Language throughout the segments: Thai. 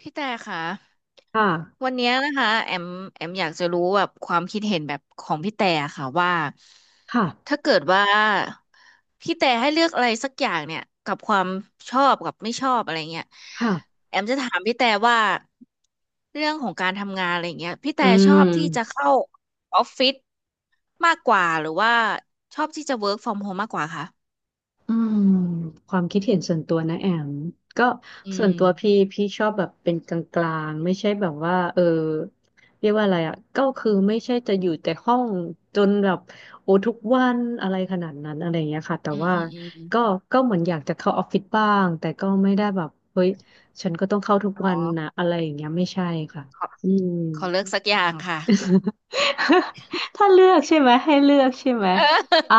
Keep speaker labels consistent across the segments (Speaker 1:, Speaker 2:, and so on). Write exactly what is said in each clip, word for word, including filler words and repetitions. Speaker 1: พี่แต่ค่ะ
Speaker 2: ค่ะ
Speaker 1: วันเนี้ยนะคะแอมแอมอยากจะรู้แบบความคิดเห็นแบบของพี่แต่ค่ะว่า
Speaker 2: ค่ะ
Speaker 1: ถ้าเกิดว่าพี่แต่ให้เลือกอะไรสักอย่างเนี่ยกับความชอบกับไม่ชอบอะไรเงี้ย
Speaker 2: ค่ะ
Speaker 1: แอมจะถามพี่แต่ว่าเรื่องของการทำงานอะไรเงี้ยพี่แต่
Speaker 2: อื
Speaker 1: ชอบที่จะ
Speaker 2: ม
Speaker 1: เข้าออฟฟิศมากกว่าหรือว่าชอบที่จะ work from home มากกว่าคะ
Speaker 2: อืมความคิดเห็นส่วนตัวนะแอมก็
Speaker 1: อื
Speaker 2: ส่วน
Speaker 1: ม
Speaker 2: ตัวพี่พี่ชอบแบบเป็นกลางๆ ไม่ใช่แบบว่าเออเรียกว่าอะไรอ่ะก็คือไม่ใช่จะอยู่แต่ห้องจนแบบโอ้ทุกวันอะไรขนาดนั้นอะไรอย่างเงี้ยค่ะแต่
Speaker 1: อืม
Speaker 2: ว่า
Speaker 1: อืมอืม
Speaker 2: ก็
Speaker 1: อ
Speaker 2: ก็เหมือนอยากจะเข้าออฟฟิศบ้างแต่ก็ไม่ได้แบบเฮ้ยฉันก็ต้องเข้าทุก
Speaker 1: มอ๋
Speaker 2: วั
Speaker 1: อ
Speaker 2: นนะอะไรอย่างเงี้ยไม่ใช่ค่ะ
Speaker 1: ขอ
Speaker 2: อืม
Speaker 1: ขอเลือกสักอย่างค่ะ
Speaker 2: ถ้าเลือกใช่ไหมให้เลือกใช่ไหม
Speaker 1: เ
Speaker 2: อ่ะ
Speaker 1: ออ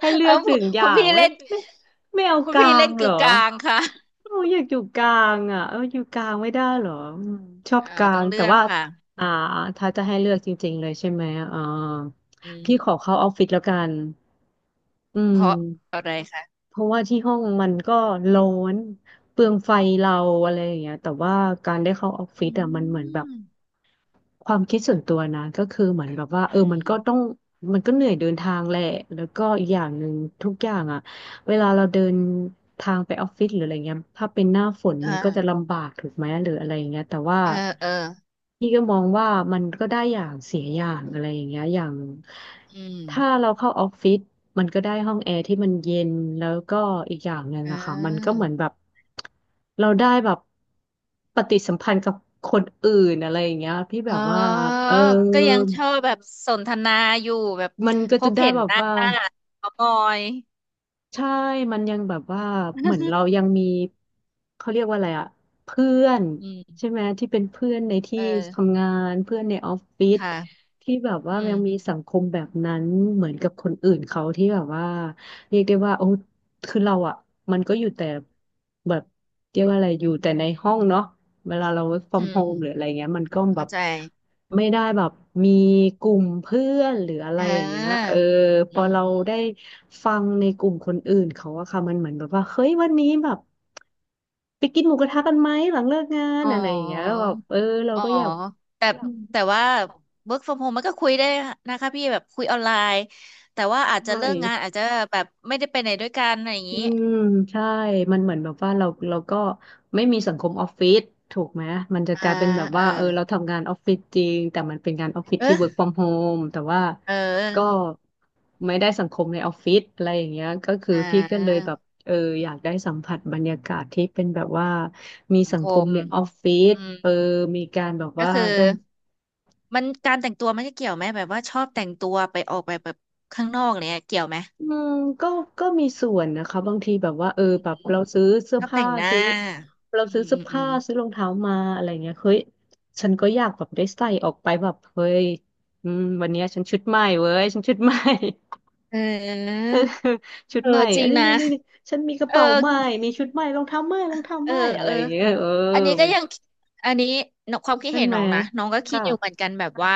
Speaker 2: ให้เลื
Speaker 1: เออ
Speaker 2: อกหนึ่งอ
Speaker 1: คุ
Speaker 2: ย่า
Speaker 1: ณ
Speaker 2: ง
Speaker 1: พี่
Speaker 2: ไม่
Speaker 1: เล่น
Speaker 2: ไม่ไม่เอา
Speaker 1: คุณ
Speaker 2: กลา
Speaker 1: พี่เล่
Speaker 2: ง
Speaker 1: น
Speaker 2: เหร
Speaker 1: กึ่
Speaker 2: อ
Speaker 1: งกลางค่ะ
Speaker 2: โอ้ยอยากอยู่กลางอ่ะเอออยู่กลางไม่ได้เหรออืมชอบ
Speaker 1: เออ
Speaker 2: กลา
Speaker 1: ต้อ
Speaker 2: ง
Speaker 1: งเลื
Speaker 2: แต่
Speaker 1: อก
Speaker 2: ว่า
Speaker 1: ค่ะ
Speaker 2: อ่าถ้าจะให้เลือกจริงๆเลยใช่ไหมอ่า
Speaker 1: อื
Speaker 2: พี่ขอ
Speaker 1: ม
Speaker 2: เข้าออฟฟิศแล้วกันอื
Speaker 1: เพ
Speaker 2: ม
Speaker 1: ราะอะไรคะ
Speaker 2: เพราะว่าที่ห้องมันก็ร้อนเปลืองไฟเราอะไรอย่างเงี้ยแต่ว่าการได้เข้าออฟฟิ
Speaker 1: อื
Speaker 2: ศอ่ะมันเหมือนแบบ
Speaker 1: ม
Speaker 2: ความคิดส่วนตัวนะก็คือเหมือนแบบว่าเอ
Speaker 1: อื
Speaker 2: อมัน
Speaker 1: ม
Speaker 2: ก็ต้องมันก็เหนื่อยเดินทางแหละแล้วก็อีกอย่างหนึ่งทุกอย่างอ่ะ เวลาเราเดินทางไปออฟฟิศหรืออะไรเงี้ยถ้าเป็นหน้าฝน
Speaker 1: อ่
Speaker 2: มันก็จะ
Speaker 1: า
Speaker 2: ลำบากถูกไหมหรืออะไรเงี้ยแต่ว่า
Speaker 1: เออเออ
Speaker 2: พี่ก็มองว่ามันก็ได้อย่างเสียอย่างอะไรอย่างเงี้ยอย่าง
Speaker 1: อื
Speaker 2: ถ้า
Speaker 1: ม
Speaker 2: เราเข้าออฟฟิศมันก็ได้ห้องแอร์ที่มันเย็นแล้วก็อีกอย่างหนึ่ง
Speaker 1: เ
Speaker 2: อะค่ะมันก็
Speaker 1: ออ
Speaker 2: เหมือนแบบเราได้แบบปฏิสัมพันธ์กับคนอื่นอะไรอย่างเงี้ยพี่แบ
Speaker 1: อ๋อ
Speaker 2: บว่าเออ
Speaker 1: ก็ยังชอบแบบสนทนาอยู่แบบ
Speaker 2: มันก็
Speaker 1: พ
Speaker 2: จะ
Speaker 1: บ
Speaker 2: ได้
Speaker 1: เห็น
Speaker 2: แบ
Speaker 1: ห
Speaker 2: บ
Speaker 1: น้า
Speaker 2: ว่า
Speaker 1: เขามอย
Speaker 2: ใช่ มันยังแบบว่าเหมือนเรายังมีเขาเรียกว่าอะไรอะเพื่อน
Speaker 1: อืม
Speaker 2: ใช่ไหมที่เป็นเพื่อนในที่
Speaker 1: เออ
Speaker 2: ทำงานเพื่อนในออฟฟิศ
Speaker 1: ค่ะ
Speaker 2: ที่แบบว่า
Speaker 1: อื
Speaker 2: ยังมี
Speaker 1: ม
Speaker 2: สังคมแบบนั้นเหมือนกับคนอื่นเขาที่แบบว่าเรียกได้ว่าโอ้คือเราอะมันก็อยู่แต่แบบเรียกว่าอะไรอยู่แต่ในห้องเนาะเวลาเรา work
Speaker 1: อื
Speaker 2: from home หรื
Speaker 1: ม
Speaker 2: ออะไรเงี้ยมันก็แบ
Speaker 1: เข้า
Speaker 2: บ
Speaker 1: ใจ
Speaker 2: ไม่ได้แบบมีกลุ่มเพื่อนหรืออะไร
Speaker 1: เอ
Speaker 2: อย่างเงี้ยเอ
Speaker 1: อ
Speaker 2: อ พ
Speaker 1: อื
Speaker 2: อ
Speaker 1: ม
Speaker 2: เรา
Speaker 1: อ
Speaker 2: ได้
Speaker 1: ม
Speaker 2: ฟังในกลุ่มคนอื่นเขาอะค่ะมันเหมือนแบบว่า เฮ้ยวันนี้แบบไปกินหมูกระทะกันไหมหลังเลิกงาน
Speaker 1: อ๋อ
Speaker 2: อะไรอย่างเงี้ยแล้วแบบเออเรา
Speaker 1: อ๋อ
Speaker 2: ก็อยาก
Speaker 1: แต่แต่ว่า work from home มันก็คุยได้นะคะพี่แบบคุยออนไลน์แต่ว่าอาจจะ
Speaker 2: ใช่
Speaker 1: เลิกงานอาจจะแบบไม่ได้ไปไหนด้วยกันอะไรอย่าง
Speaker 2: อื
Speaker 1: นี้
Speaker 2: มใช่ มันเหมือนแบบว่าเราเราก็ไม่มีสังคมออฟฟิศถูกไหมมันจะ
Speaker 1: อ่า
Speaker 2: กลายเป็นแบบ
Speaker 1: เออ
Speaker 2: ว่าเออเราทำงานออฟฟิศจริงแต่มันเป็นงานออฟฟิศที่ work
Speaker 1: เออ
Speaker 2: from home แต่ว่า
Speaker 1: เ
Speaker 2: ก็
Speaker 1: ออ
Speaker 2: ไม่ได้สังคมในออฟฟิศอะไรอย่างเงี้ยก็คือ
Speaker 1: อ่
Speaker 2: พี่ก็เลย
Speaker 1: า
Speaker 2: แบบเอออยากได้สัมผัสบรรยากาศที่เป็นแบบว่ามี
Speaker 1: สัง
Speaker 2: สัง
Speaker 1: ค
Speaker 2: คม
Speaker 1: ม
Speaker 2: ในออฟฟิศ
Speaker 1: อืม
Speaker 2: เออมีการแบบ
Speaker 1: ก็
Speaker 2: ว่า
Speaker 1: คือ
Speaker 2: ได้
Speaker 1: มันการแต่งตัวมันจะเกี่ยวไหมแบบว่าชอบแต่งตัวไปออกไปแบบข้างนอกเนี่ยเกี่ยวไหม
Speaker 2: อืมก็ก็มีส่วนนะคะบางทีแบบว่าเออ
Speaker 1: อื
Speaker 2: แบบ
Speaker 1: ม
Speaker 2: เราซื้อเสื้
Speaker 1: ช
Speaker 2: อ
Speaker 1: อบแต่
Speaker 2: ผ้า
Speaker 1: งหน้า
Speaker 2: ซื้อเรา
Speaker 1: อื
Speaker 2: ซื้อ
Speaker 1: ม
Speaker 2: เสื้
Speaker 1: อื
Speaker 2: อ
Speaker 1: มอื
Speaker 2: ผ้า
Speaker 1: ม
Speaker 2: ซื้อรองเท้ามาอะไรเงี้ยเฮ้ยฉันก็อยากแบบได้ใส่ออกไปแบบเฮ้ยอืมวันเนี้ยฉันชุดใหม่เว้ยฉันชุดใหม่
Speaker 1: เออ
Speaker 2: เออชุด
Speaker 1: เอ
Speaker 2: ให
Speaker 1: อ
Speaker 2: ม่
Speaker 1: จ
Speaker 2: อั
Speaker 1: ริ
Speaker 2: น
Speaker 1: ง
Speaker 2: นี้
Speaker 1: นะ
Speaker 2: นี่นี่นี่ฉันมีกระ
Speaker 1: เอ
Speaker 2: เป๋าใหม่
Speaker 1: อ
Speaker 2: มีชุดใหม่รองเท้าใหม่รองเท้า
Speaker 1: เอ
Speaker 2: ให
Speaker 1: อ
Speaker 2: ม่อะ
Speaker 1: เอ
Speaker 2: ไร
Speaker 1: อ
Speaker 2: อย่างเงี้ยเออ
Speaker 1: อันนี้ก็
Speaker 2: มัน
Speaker 1: ยังอันนี้นความคิด
Speaker 2: ใช่
Speaker 1: เห็น
Speaker 2: ไหม
Speaker 1: น้องนะน้องก็คิด
Speaker 2: ค่ะ
Speaker 1: อยู่เหมือนกันแบบว่า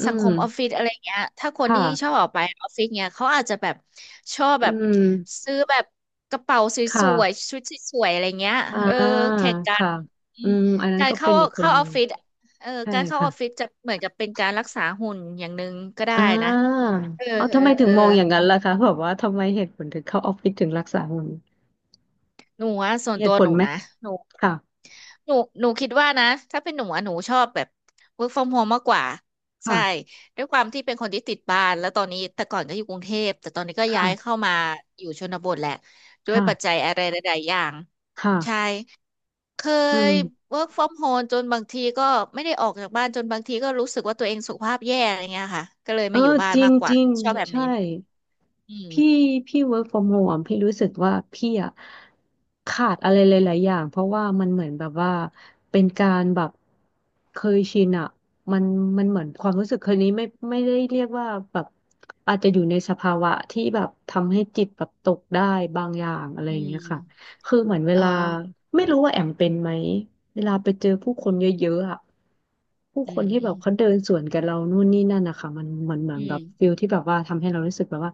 Speaker 2: อื
Speaker 1: สังคมออฟฟิ
Speaker 2: ม
Speaker 1: ศอะไรเงี้ยถ้าค
Speaker 2: ค
Speaker 1: นที่ชอบ
Speaker 2: ่ะ
Speaker 1: ออกไปออฟฟิศเงี้ยเขาอาจจะแบบชอบ
Speaker 2: อื
Speaker 1: แบบ
Speaker 2: ม
Speaker 1: ซื้อแบบกระเป๋าส
Speaker 2: ค
Speaker 1: วย
Speaker 2: ่ะ
Speaker 1: ๆชุดสวยๆอะไรเงี้ย
Speaker 2: อ่า
Speaker 1: เออแข่งกัน
Speaker 2: ค่ะ
Speaker 1: อื
Speaker 2: อื
Speaker 1: ม
Speaker 2: มอันนั้น
Speaker 1: การ
Speaker 2: ก็เป็
Speaker 1: เข้า
Speaker 2: นอีกคน
Speaker 1: เข้า
Speaker 2: ห
Speaker 1: อ
Speaker 2: นึ่
Speaker 1: อ
Speaker 2: ง
Speaker 1: ฟฟิศเออ
Speaker 2: ใช่
Speaker 1: การเข้าอ
Speaker 2: ค่ะ
Speaker 1: อฟฟิศจะเหมือนกับเป็นการรักษาหุ่นอย่างหนึ่งก็ได้
Speaker 2: อ่
Speaker 1: นะ
Speaker 2: า
Speaker 1: เออ
Speaker 2: เอา
Speaker 1: เออ
Speaker 2: ทำไมถึ
Speaker 1: เอ
Speaker 2: ง
Speaker 1: อ
Speaker 2: มองอย่างนั้นล่ะคะ แบบว่าทำไมเหตุผลถึงเข้าออฟฟิศถึงรักษาหุ่น
Speaker 1: หนูอะส่ว
Speaker 2: มี
Speaker 1: น
Speaker 2: เห
Speaker 1: ตัว
Speaker 2: ตุผ
Speaker 1: ห
Speaker 2: ล
Speaker 1: นู
Speaker 2: ไหม
Speaker 1: นะหนู
Speaker 2: ค่ะ
Speaker 1: หนูหนูคิดว่านะถ้าเป็นหนูอะหนูชอบแบบ work from home มากกว่าใช่
Speaker 2: ค่ะ
Speaker 1: ด้วยความที่เป็นคนที่ติดบ้านแล้วตอนนี้แต่ก่อนก็อยู่กรุงเทพแต่ตอนนี้ก็ย้ายเข้า
Speaker 2: ค่ะ
Speaker 1: มาอยู่ชนบทแหละด้วยปัจจั
Speaker 2: ค่ะ
Speaker 1: ยอะไรหลายๆอย่าง
Speaker 2: ค่ะ
Speaker 1: ใช่เค
Speaker 2: อื
Speaker 1: ย
Speaker 2: ม
Speaker 1: work from home จนบางทีก็ไม่ได้ออกจากบ้านจนบางทีก็รู้สึกว่าตัวเองสุขภาพแย่อะไรเงี้ยค่ะก็เลย
Speaker 2: เอ
Speaker 1: มาอยู่
Speaker 2: อ
Speaker 1: บ้าน
Speaker 2: จริง
Speaker 1: มากก
Speaker 2: จ
Speaker 1: ว่า
Speaker 2: ริง
Speaker 1: ชอบแบบ
Speaker 2: ใช่
Speaker 1: นี้อืม
Speaker 2: พี่พี่ work from home พี่รู้สึกว่าพี่อะขาดอะไรหลายๆอย่างเพราะว่ามันเหมือนแบบว่าเป็นการแบบเคยชินอะมันมันเหมือนความรู้สึกคนนี้ไม่ไม่ได้เรียกว่าแบบอาจจะอยู่ในสภาวะที่แบบทำให้จิตแบบตกได้บางอย่างอะไร
Speaker 1: อื
Speaker 2: อย่างเงี้ยค่ะ
Speaker 1: ม
Speaker 2: คือเหมือนเว
Speaker 1: เออ
Speaker 2: ลาไม่รู้ว่าแอมเป็นไหมเวลาไปเจอผู้ค
Speaker 1: อื
Speaker 2: น
Speaker 1: ม
Speaker 2: เยอะๆอะผู้
Speaker 1: อื
Speaker 2: คนที่แบ
Speaker 1: ม
Speaker 2: บเขาเดินสวนกับเรานู่นนี่นั่นนะคะมันมันเหมือ
Speaker 1: อื
Speaker 2: นแบ
Speaker 1: ม
Speaker 2: บฟิลที่แบบว่าทำให้เรารู้สึกแบบว่า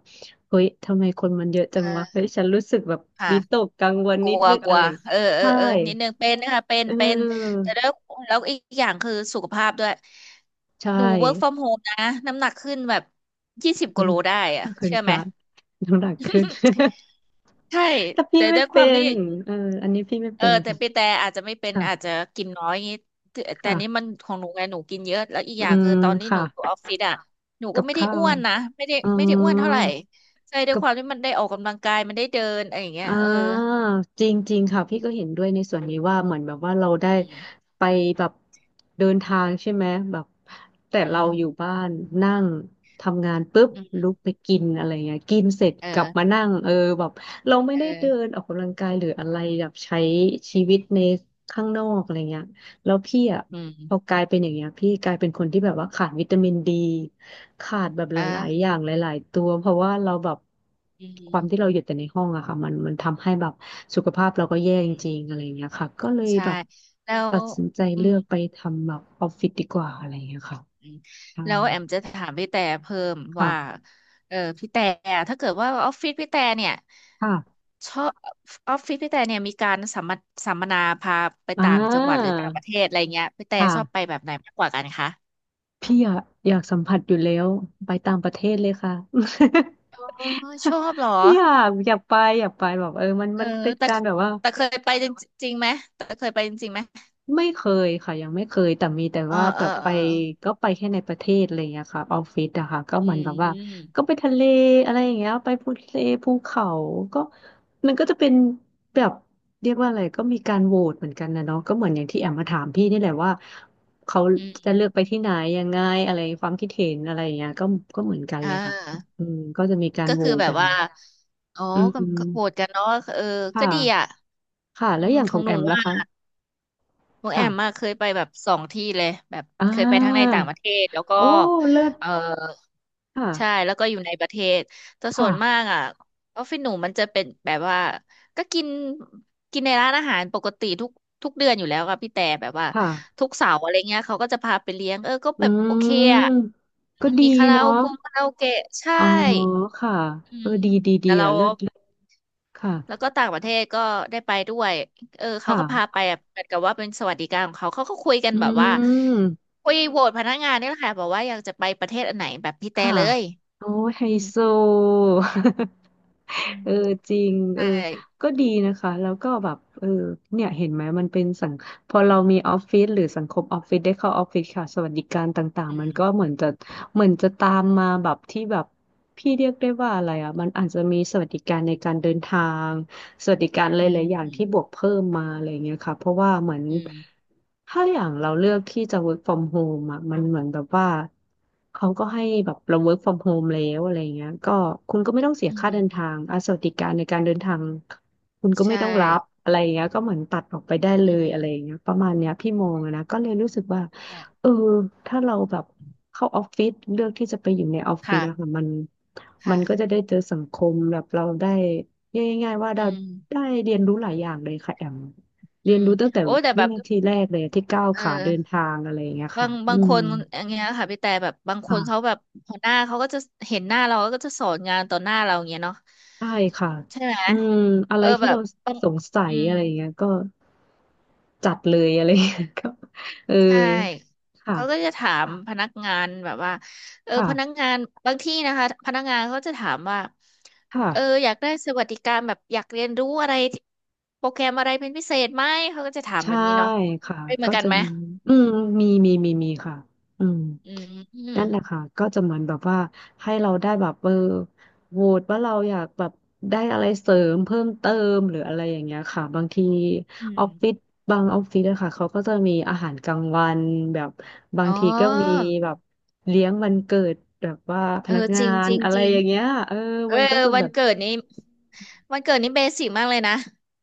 Speaker 2: เฮ้ยทำไมคนมันเยอะ
Speaker 1: เอ
Speaker 2: จังวะเฮ้
Speaker 1: อ
Speaker 2: ยฉันรู้สึกแบบ
Speaker 1: ค่ะ
Speaker 2: วิตกกังวล
Speaker 1: กลั
Speaker 2: นิด
Speaker 1: ว
Speaker 2: นึง
Speaker 1: กลั
Speaker 2: อะ
Speaker 1: ว
Speaker 2: ไร
Speaker 1: เออเออ
Speaker 2: ใช่
Speaker 1: เออนิดนึงเป็นนะคะเป็น
Speaker 2: เ
Speaker 1: เป็น
Speaker 2: ออ
Speaker 1: แต่แล้วแล้วอีกอย่างคือสุขภาพด้วย
Speaker 2: ใช่
Speaker 1: หนู work from home นะน้ำหนักขึ้นแบบยี่สิบ
Speaker 2: คุ
Speaker 1: กิ
Speaker 2: ณ
Speaker 1: โลได้อะ
Speaker 2: คุณ
Speaker 1: เชื่อ
Speaker 2: พ
Speaker 1: ไหม
Speaker 2: ระน้ำหนักขึ้น
Speaker 1: ใช่
Speaker 2: แต่พี่
Speaker 1: แต่
Speaker 2: ไม่
Speaker 1: ด้วยค
Speaker 2: เป็
Speaker 1: วามที่
Speaker 2: นเอออันนี้พี่ไม่
Speaker 1: เออ
Speaker 2: เป็น
Speaker 1: แต่ปีแต่อาจจะไม่เป็นอาจจะ
Speaker 2: ค่ะ
Speaker 1: กินน้อยอย่างงี้แต่แต่
Speaker 2: ค่ะ
Speaker 1: นี่
Speaker 2: ค่ะ
Speaker 1: มันของหนูไงหนูกินเยอะแล้วอีก
Speaker 2: อื
Speaker 1: อย่าง
Speaker 2: ม
Speaker 1: คือตอนนี้หนูอยู่
Speaker 2: ค่ะ
Speaker 1: ออฟฟิศอ่ะหนู
Speaker 2: กั
Speaker 1: ก็
Speaker 2: บ
Speaker 1: ไม่ได้
Speaker 2: ข้า
Speaker 1: อ้
Speaker 2: ว
Speaker 1: วนนะไม่ได้
Speaker 2: อ๋อ
Speaker 1: ไม่ได้อ้วนเท่าไหร่ใช่ด้วยความที่มันได้ออกกำลังกายมันได้เดินอะไรอย่างเงี้
Speaker 2: อ่
Speaker 1: ยเออ
Speaker 2: าจริงๆค่ะพี่ก็เห็นด้วยในส่วนนี้ว่าเหมือนแบบว่าเราได้
Speaker 1: อืม
Speaker 2: ไปแบบเดินทางใช่ไหมแบบแต่
Speaker 1: อื
Speaker 2: เรา
Speaker 1: ม
Speaker 2: อยู่บ้านนั่งทำงานปุ๊บ
Speaker 1: อื
Speaker 2: ลุก
Speaker 1: ม
Speaker 2: ไปกินอะไรเงี้ยกินเสร็จ
Speaker 1: เออ
Speaker 2: กลับมานั่งเออแบบเราไม่ได้เดิ
Speaker 1: เออ
Speaker 2: นออกกำลังกายหรืออะไรแบบใช้ชีวิตในข้างนอกอะไรเงี้ย แล้วพี่อ่ะ
Speaker 1: อืม
Speaker 2: พอกลายเป็นอย่างเงี้ยพี่กลายเป็นคนที่แบบว่าขาดวิตามินดีขาดแบบหลายๆ
Speaker 1: อ่ะ
Speaker 2: อย่างหลายๆตัวเพราะว่าเราแบบ
Speaker 1: อื
Speaker 2: ค
Speaker 1: ม
Speaker 2: วามที่เราอยู่แต่ในห้องอะค่ะมันมันทำให้แบบสุขภาพเราก็แย่จ
Speaker 1: อืม
Speaker 2: ริงๆอะไรอย่างเงี้ยค่ะก็เลย
Speaker 1: ใช่
Speaker 2: แบบ
Speaker 1: แล้ว
Speaker 2: ตัดสินใจ
Speaker 1: อื
Speaker 2: เลื
Speaker 1: ม
Speaker 2: อกไปทำแบบออฟฟิศดีกว่าอะไรอย่างเงี้ยค่ะ
Speaker 1: อืม
Speaker 2: ใช่
Speaker 1: แล้วแอมจะถามพี่แต่เพิ่มว่า
Speaker 2: ค่ะ
Speaker 1: เออพี่แต่ถ้าเกิดว่าออฟฟิศพี่แต่เนี่ย
Speaker 2: ค่ะ
Speaker 1: ชอบออฟฟิศพี่แต่เนี่ยมีการสัมมสัมมนาพาไป
Speaker 2: อ่
Speaker 1: ต่างจังหวัดหรือ
Speaker 2: า
Speaker 1: ต่างประเทศอะไรเงี้ยพี่แต่ชอบไป
Speaker 2: ค่ะ
Speaker 1: แบบไหนมากกว่ากันคะ
Speaker 2: พี่อยากอยากสัมผัสอยู่แล้วไปต่างประเทศเลยค่ะ
Speaker 1: อ๋อชอ บเหรอ
Speaker 2: อยากอยากไปอยากไปแบบเออมัน
Speaker 1: เออ
Speaker 2: มันเป็น
Speaker 1: แต่
Speaker 2: การแบบว่า
Speaker 1: แต่เคยไปจริงจริงไหมแต่เคยไปจริงๆไหม
Speaker 2: ไม่เคยค่ะยังไม่เคยแต่มีแต่
Speaker 1: เออ
Speaker 2: ว่าแบ
Speaker 1: เออ
Speaker 2: บไป
Speaker 1: เออ
Speaker 2: ก็ไปแค่ในประเทศอะไรอย่างเงี้ยค่ะออฟฟิศอะค่ะก็
Speaker 1: อื
Speaker 2: เหมือนแบบว่าก็
Speaker 1: ม
Speaker 2: ไปทะเลอะไรอย่างเงี้ยไปภูทะเลภูเขาก็มันก็จะเป็นแบบเรียกว่าอะไรก็มีการโหวตเหมือนกันนะเนาะก็เหมือนอย่างที่แอมมาถามพี่นี่แหละว่าเขา
Speaker 1: อื
Speaker 2: จะเลื
Speaker 1: ม
Speaker 2: อกไปที่ไหนยังไงอะไรความคิดเห็นอะไรอย่างเงี้ยก็ก็เหมือนกัน
Speaker 1: อ่
Speaker 2: เลยค่ะ
Speaker 1: า
Speaker 2: อืมก็จะมีการ
Speaker 1: ก็
Speaker 2: โหว
Speaker 1: คือ
Speaker 2: ต
Speaker 1: แบบ
Speaker 2: อะไร
Speaker 1: ว่าอ๋อ
Speaker 2: อื
Speaker 1: ก็ก็โหวต
Speaker 2: ม
Speaker 1: กันเนาะเออก็
Speaker 2: ค่ะ
Speaker 1: ดีอ่ะ
Speaker 2: ค่ะ
Speaker 1: อื
Speaker 2: แล้ว
Speaker 1: ม
Speaker 2: อย่าง
Speaker 1: ข
Speaker 2: ข
Speaker 1: อ
Speaker 2: อ
Speaker 1: ง
Speaker 2: ง
Speaker 1: ห
Speaker 2: แอ
Speaker 1: นู
Speaker 2: มล่ะ
Speaker 1: ว่า
Speaker 2: คะ
Speaker 1: หนูแอ
Speaker 2: ค่ะ
Speaker 1: มมาเคยไปแบบสองที่เลยแบบ
Speaker 2: อ่า
Speaker 1: เคยไปทั้งในต่างประเทศแล้วก็
Speaker 2: โอ้เลิศ
Speaker 1: เออใช่
Speaker 2: ค่ะ
Speaker 1: แล้วก็อยู่ในประเทศแต่ส่วนมา
Speaker 2: ค่ะ
Speaker 1: กอ่ะออฟฟิศหนูมันจะเป็นแบบว่าก็กินกินในร้านอาหารปกติทุกทุกเดือนอยู่แล้วค่ะพี่แต่แบบว่า
Speaker 2: ค่ะ
Speaker 1: ทุกเสาร์อะไรเงี้ยเขาก็จะพาไปเลี้ยงเออก็
Speaker 2: อื
Speaker 1: แบบโอเคอ่ะ
Speaker 2: ม ก็ดี
Speaker 1: มีคาราโอ
Speaker 2: เนาะ
Speaker 1: เกะคาราโอเกะใช่
Speaker 2: อ๋อค่ะ
Speaker 1: อื
Speaker 2: เออ
Speaker 1: ม
Speaker 2: ดี ดี ดี
Speaker 1: แต่เรา
Speaker 2: อ่ะเลิศเลิศค่ะ
Speaker 1: แล้วก็ต่างประเทศก็ได้ไปด้วยเออ
Speaker 2: ค
Speaker 1: เขาก็พาไป
Speaker 2: ่ะ
Speaker 1: อะเหมือนกับว่าเป็นสวัสดิการของเขาเขาก็คุยกัน
Speaker 2: อื
Speaker 1: แบบว่า
Speaker 2: ม
Speaker 1: คุยโหวตพนักงานนี่แหละค่ะบอกว่าอยากจะไปประเทศอันไหนแบบพี่แต่
Speaker 2: ค่ะ
Speaker 1: เลย
Speaker 2: โอ้ยไฮ
Speaker 1: อืม
Speaker 2: โซ
Speaker 1: อื
Speaker 2: เออ
Speaker 1: ม
Speaker 2: จริงเอ
Speaker 1: ใช่
Speaker 2: อก็ดีนะคะแล้วก็แบบเออเนี่ยเห็นไหมมันเป็นสังพอเรามีออฟฟิศหรือสังคมออฟฟิศได้เข้าออฟฟิศค่ะสวัสดิการต่าง
Speaker 1: อื
Speaker 2: ๆมัน
Speaker 1: ม
Speaker 2: ก็เหมือนจะเหมือนจะตามมาแบบที่แบบพี่เรียกได้ว่าอะไรอ่ะมันอาจจะมีสวัสดิการในการเดินทาง สวัสดิการห
Speaker 1: อืม
Speaker 2: ลายๆอย่าง
Speaker 1: อืม
Speaker 2: ที่บวกเพิ่มมาอะไรเงี้ยค่ะเพราะว่าเหมือน
Speaker 1: อืม
Speaker 2: ถ้าอย่างเราเลือกที่จะ work from home อ่ะมันเหมือนแบบว่าเขาก็ให้แบบเรา work from home แล้วอะไรเงี้ยก็คุณก็ไม่ต้องเสีย
Speaker 1: อื
Speaker 2: ค่าเดิน
Speaker 1: ม
Speaker 2: ทางอ่ะสวัสดิการในการเดินทางคุณก็ไม่
Speaker 1: ใช่
Speaker 2: ต้องรับอะไรเงี้ยก็เหมือนตัดออกไปได้เล
Speaker 1: อื
Speaker 2: ยอะไร
Speaker 1: ม
Speaker 2: เงี้ยประมาณเนี้ยพี่มองอะนะก็เลยรู้สึกว่า
Speaker 1: ค่ะ
Speaker 2: เออถ้าเราแบบเข้าออฟฟิศเลือกที่จะไปอยู่ในออฟฟิศ
Speaker 1: ค่ะ
Speaker 2: อะค่ะมันมั
Speaker 1: ค่ะ
Speaker 2: นก็จะได้เจอสังคมแบบเราได้ เรียกง่ายๆว่า
Speaker 1: อื
Speaker 2: เรา
Speaker 1: ม
Speaker 2: ได้เรียนรู้หลายอย่างเลยค่ะแอม
Speaker 1: อื
Speaker 2: เรียน
Speaker 1: ม
Speaker 2: รู้ตั้งแต่
Speaker 1: โอ้ แต่
Speaker 2: วิ
Speaker 1: แบบ
Speaker 2: นาทีแรกเลยที่ก้าว
Speaker 1: เอ
Speaker 2: ขาเดิน
Speaker 1: อ
Speaker 2: ทางอะไรอย่างเงี้ย
Speaker 1: บา
Speaker 2: ค่ะ
Speaker 1: ง
Speaker 2: อื
Speaker 1: บางค
Speaker 2: ม
Speaker 1: นอย่างเงี้ยค่ะพี่แต่แบบบางค
Speaker 2: ค่ะ
Speaker 1: นเขาแบบหัวหน้าเขาก็จะเห็นหน้าเราก็จะสอนงานต่อหน้าเราอย่างเงี้ยเนาะ
Speaker 2: ใช่ค่ะ
Speaker 1: ใช่ไหม
Speaker 2: อืมอะไร
Speaker 1: เออ
Speaker 2: ที่
Speaker 1: แบ
Speaker 2: เรา
Speaker 1: บปัญ
Speaker 2: สงสั
Speaker 1: อื
Speaker 2: ย
Speaker 1: ม
Speaker 2: อะไรอย่างเงี้ยก็จัดเลยอะไรอย่างเงี้ย ก็เออ
Speaker 1: ใช่
Speaker 2: ค่ะ
Speaker 1: เขาก็จะถามพนักงานแบบว่าเออ
Speaker 2: ค่ะ
Speaker 1: พนักงานบางที่นะคะพนักงานเขาจะถามว่า
Speaker 2: ค่ะ
Speaker 1: เอออยากได้สวัสดิการแบบอยากเรียนรู้อะไรโปรแกรมอะไรเป็นพิเศษไหมเขาก็จะถามแบ
Speaker 2: ใช่
Speaker 1: บนี้เนาะ
Speaker 2: ค่ะ
Speaker 1: เป็นเหมือ
Speaker 2: ก็
Speaker 1: นกัน
Speaker 2: จะ
Speaker 1: ไหม
Speaker 2: มีอืมมีมีมีมีค่ะอืม
Speaker 1: อืมอืม
Speaker 2: นั่นแหละค่ะก็จะเหมือนแบบว่าให้เราได้แบบเออโหวตว่าเราอยากแบบได้อะไรเสริมเพิ่มเติมหรืออะไรอย่างเงี้ยค่ะบางที
Speaker 1: อื
Speaker 2: ออ
Speaker 1: ม
Speaker 2: ฟฟิศบางออฟฟิศอะค่ะเขาก็จะมีอาหารกลางวันแบบบา
Speaker 1: อ๋
Speaker 2: ง
Speaker 1: อ
Speaker 2: ทีก็มีแบบเลี้ยงวันเกิดแบบว่าพ
Speaker 1: เออ
Speaker 2: นัก
Speaker 1: จ
Speaker 2: งา
Speaker 1: ริง
Speaker 2: น
Speaker 1: จริง
Speaker 2: อะ
Speaker 1: จ
Speaker 2: ไร
Speaker 1: ริง
Speaker 2: อย่างเงี้ยเออ
Speaker 1: เออ
Speaker 2: มันก็จะ
Speaker 1: วั
Speaker 2: แบ
Speaker 1: น
Speaker 2: บ
Speaker 1: เกิดนี้วันเกิดนี้เบสิกมากเลยนะ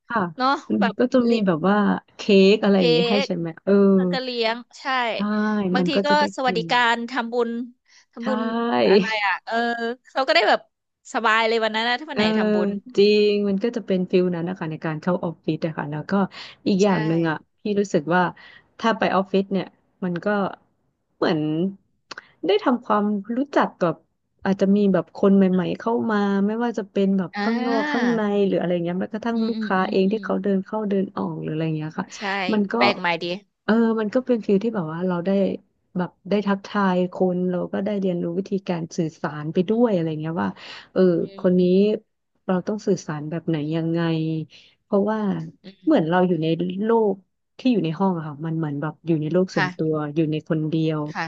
Speaker 2: ค่ะ
Speaker 1: เนาะ
Speaker 2: มั
Speaker 1: แบ
Speaker 2: น
Speaker 1: บ
Speaker 2: ก็จะมีแบบว่าเค้กอะไรอย่า
Speaker 1: เค้
Speaker 2: งเงี้ยให้
Speaker 1: ก
Speaker 2: ใช่ไหมเออ
Speaker 1: แล้วก็เลี้ยงใช่
Speaker 2: ใช่
Speaker 1: บา
Speaker 2: มั
Speaker 1: ง
Speaker 2: น
Speaker 1: ที
Speaker 2: ก็จะ
Speaker 1: ก็
Speaker 2: ได้
Speaker 1: สวั
Speaker 2: กิ
Speaker 1: ส
Speaker 2: น
Speaker 1: ดิการทำบุญทำบุ
Speaker 2: ใช่
Speaker 1: ญอะไร อ่ะ เออเราก็ได้แบบสบายเลยวันนั้นนะถ้าวั
Speaker 2: เอ
Speaker 1: น
Speaker 2: อ
Speaker 1: ไหนทำบุญ
Speaker 2: จริงมันก็จะเป็นฟิลนั้นนะคะในการเข้าออฟฟิศอะค่ะแล้วก็อีกอย่า
Speaker 1: ใช่
Speaker 2: งหนึ่งอะพี่รู้สึกว่าถ้าไปออฟฟิศเนี่ยมันก็เหมือนได้ทำความรู้จักกับอาจจะมีแบบคนใหม่ๆเข้ามาไม่ว่าจะเป็นแบบ
Speaker 1: อ่
Speaker 2: ข้างนอกข้าง
Speaker 1: า
Speaker 2: ในหรืออะไรเงี้ยแม้กระทั่ง
Speaker 1: อืม
Speaker 2: ลูก
Speaker 1: อืม
Speaker 2: ค้า
Speaker 1: อืม
Speaker 2: เอง
Speaker 1: อื
Speaker 2: ที่
Speaker 1: ม
Speaker 2: เขาเดินเข้าเดินออกหรืออะไรเงี้ยค่ะ
Speaker 1: ใช่
Speaker 2: มันก็
Speaker 1: แปลกใหม่ดี
Speaker 2: เออมันก็เป็นฟิลที่แบบว่าเราได้แบบได้ทักทายคนเราก็ได้เรียนรู้วิธีการสื่อสารไปด้วยอะไรเงี้ยว่า เออ
Speaker 1: อื
Speaker 2: ค
Speaker 1: ม
Speaker 2: นนี้เราต้องสื่อสารแบบไหนยังไงเพราะว่า
Speaker 1: อื
Speaker 2: เหมื
Speaker 1: ม
Speaker 2: อนเราอยู่ในโลกที่อยู่ในห้องอะค่ะมันเหมือนแบบอยู่ในโลกส่วน
Speaker 1: ค่ะ
Speaker 2: ตัวอยู่ในคนเดียว
Speaker 1: ค่ะ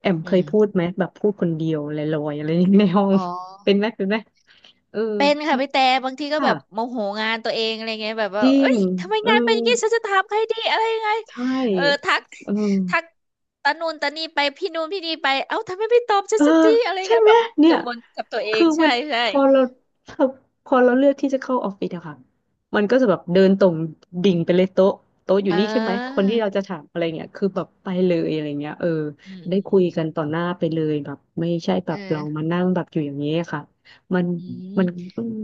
Speaker 2: แอม
Speaker 1: อื
Speaker 2: เคย
Speaker 1: ม
Speaker 2: พูดไหมแบบพูดคนเดียวลอยๆอะไรในห้อง
Speaker 1: อ๋อ
Speaker 2: เป็นไหมเป็นไหมเออ
Speaker 1: เป็นค่ะ
Speaker 2: พี่
Speaker 1: พี่แต่บางทีก็แบ
Speaker 2: ค่ะ
Speaker 1: บโมโหงานตัวเองอะไรเงี้ยแบบ
Speaker 2: จ
Speaker 1: ว่า
Speaker 2: ริ
Speaker 1: เอ้
Speaker 2: ง
Speaker 1: ยทำไม
Speaker 2: เอ
Speaker 1: งานเป็น
Speaker 2: อ
Speaker 1: อย่างงี้ฉันจะถามใครดีอะไรยังไง
Speaker 2: ใช
Speaker 1: เออ
Speaker 2: ่
Speaker 1: ทัก
Speaker 2: เออ
Speaker 1: ทักตะนูนตะนี่ไปพี่นูนพี่นี่ไปเอ้าทำไมไม่ตอบฉั
Speaker 2: เอ
Speaker 1: น
Speaker 2: อ
Speaker 1: สักทีอะไร
Speaker 2: ใช่
Speaker 1: เงี้ย
Speaker 2: ไหม
Speaker 1: แบบ
Speaker 2: เนี่
Speaker 1: กั
Speaker 2: ย
Speaker 1: งวลกับตัวเอ
Speaker 2: คื
Speaker 1: ง
Speaker 2: อมั
Speaker 1: ใช่
Speaker 2: น
Speaker 1: ใช่
Speaker 2: พอเราพอเราเลือกที่จะเข้าออฟฟิศอะค่ะมันก็จะแบบเดินตรงดิ่งไปเลยโต๊ะโต๊ะอยู่
Speaker 1: เอ่
Speaker 2: นี่ใช่ไหมคน
Speaker 1: า
Speaker 2: ที่เราจะถามอะไรเงี้ยคือแบบไปเลยอะไรเงี้ยเออ
Speaker 1: อืม
Speaker 2: ได้
Speaker 1: อืม
Speaker 2: คุ
Speaker 1: อื
Speaker 2: ย
Speaker 1: ม
Speaker 2: กันต่อหน้าไปเลยแบบไม่ใช่แบ
Speaker 1: เอ
Speaker 2: บ
Speaker 1: อ
Speaker 2: เรามานั่งแบบอยู่อย่างนี้ยค่ะมัน
Speaker 1: อื
Speaker 2: มัน
Speaker 1: ม
Speaker 2: อืม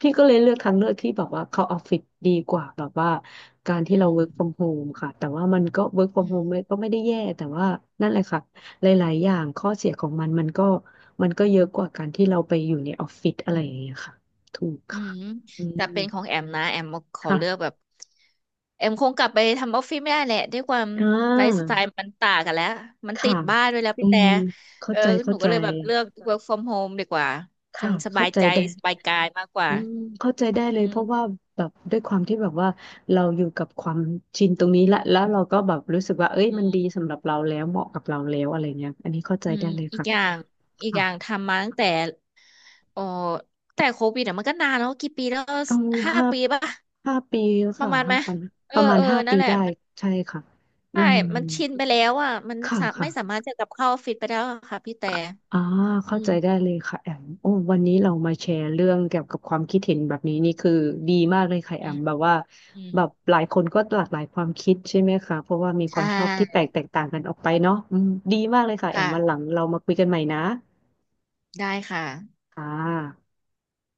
Speaker 2: พี่ก็เลยเลือกทางเลือกที่แบบว่าเข้าออฟฟิศดีกว่าแบบว่าการ
Speaker 1: อื
Speaker 2: ที่เรา work from
Speaker 1: ม
Speaker 2: home ค่ะแต่ว่ามันก็ work from
Speaker 1: อืม
Speaker 2: home ไม่ก็ไม่ได้แย่แต่ว่านั่นแหละค่ะ หลายๆอย่างข้อเสียของมันมันก็มันก็เยอะกว่าการที่เราไปอยู่ในออฟฟิศอะไรอย่างเงี้ยค่ะถูก
Speaker 1: อื
Speaker 2: ค่ะ
Speaker 1: ม
Speaker 2: อื
Speaker 1: แต่
Speaker 2: ม
Speaker 1: เป็นของแอมนะแอมขอเลือกแบ
Speaker 2: ค่ะ
Speaker 1: บแอมคงกลับไปทำออฟฟิศไม่ได้แหละด้วยความ
Speaker 2: อ่
Speaker 1: ไลฟ์ส
Speaker 2: า
Speaker 1: ไตล์มันต่างกันแล้วมันติ
Speaker 2: ค่ะ
Speaker 1: ดบ้านด้วยแล้ว
Speaker 2: อื
Speaker 1: พี่แต่
Speaker 2: มเข้า
Speaker 1: เออ
Speaker 2: ใจ
Speaker 1: ห
Speaker 2: เข้า
Speaker 1: นู
Speaker 2: ใจ
Speaker 1: ก็เลยแบบเลือก work from home ดีกว่าฉั
Speaker 2: ค่ะ
Speaker 1: นส
Speaker 2: เข้า
Speaker 1: บาย
Speaker 2: ใจ
Speaker 1: ใจ
Speaker 2: ได้
Speaker 1: สบายกายมากกว่า
Speaker 2: อืมเข้าใจได้เลย
Speaker 1: อื
Speaker 2: เพราะว่า
Speaker 1: ม
Speaker 2: แบบด้วยความที่แบบว่าเราอยู่กับความชินตรงนี้ละแล้วเราก็แบบรู้สึกว่าเอ้ย
Speaker 1: อื
Speaker 2: มันดี
Speaker 1: ม
Speaker 2: สำหรับเราแล้วเหมาะกับเราแล้วอะไรเงี้ยอันนี้เข้าใจ
Speaker 1: อืม
Speaker 2: ได้เลย
Speaker 1: อีก
Speaker 2: ค่ะ
Speaker 1: อย่างอีกอย่าง
Speaker 2: ค่ะ
Speaker 1: ทำมาตั้งแต่โอ้แต่โควิดอะมันก็นานแล้วกี่ปีแล้ว
Speaker 2: เอา
Speaker 1: ห้า
Speaker 2: ห้า
Speaker 1: ปีป่ะ
Speaker 2: ห้าปี
Speaker 1: ประ
Speaker 2: ค่ะ
Speaker 1: มาณไห
Speaker 2: ห้า
Speaker 1: ม
Speaker 2: ปี
Speaker 1: เอ
Speaker 2: ป
Speaker 1: อ
Speaker 2: ระมาณ
Speaker 1: เออ
Speaker 2: ห้า
Speaker 1: นั่
Speaker 2: ปี
Speaker 1: นแหละ
Speaker 2: ได้ใช่ค่ะอื
Speaker 1: ใช่
Speaker 2: ม
Speaker 1: มันชินไปแล้วอ่ะ มัน
Speaker 2: ค่ะ
Speaker 1: สาไม่สา
Speaker 2: ค่ะ
Speaker 1: มารถจะกลับเข้าออฟฟิศไปแล้วอะค่ะพี่แต่
Speaker 2: อ่ะอ่าเข้า
Speaker 1: อื
Speaker 2: ใจ
Speaker 1: ม
Speaker 2: ได้เลยค่ะแอมโอ้วันนี้เรามาแชร์เรื่องเกี่ยวกับความคิดเห็นแบบนี้นี่คือดีมากเลยค่ะแอ
Speaker 1: อื
Speaker 2: ม
Speaker 1: ม
Speaker 2: แบบว่า
Speaker 1: อืม
Speaker 2: แบบหลายคนก็หลากหลายความคิดใช่ไหมคะเพราะว่ามี
Speaker 1: ใช
Speaker 2: ความชอบที่แต
Speaker 1: ่
Speaker 2: กแตกต่างกันออกไปเนาะอืมดีมากเลยค่ะแอมวันหลัง
Speaker 1: ค่ะ
Speaker 2: เรามาคุยกันใหม่นะ
Speaker 1: ได้ค่ะ
Speaker 2: ค่ะ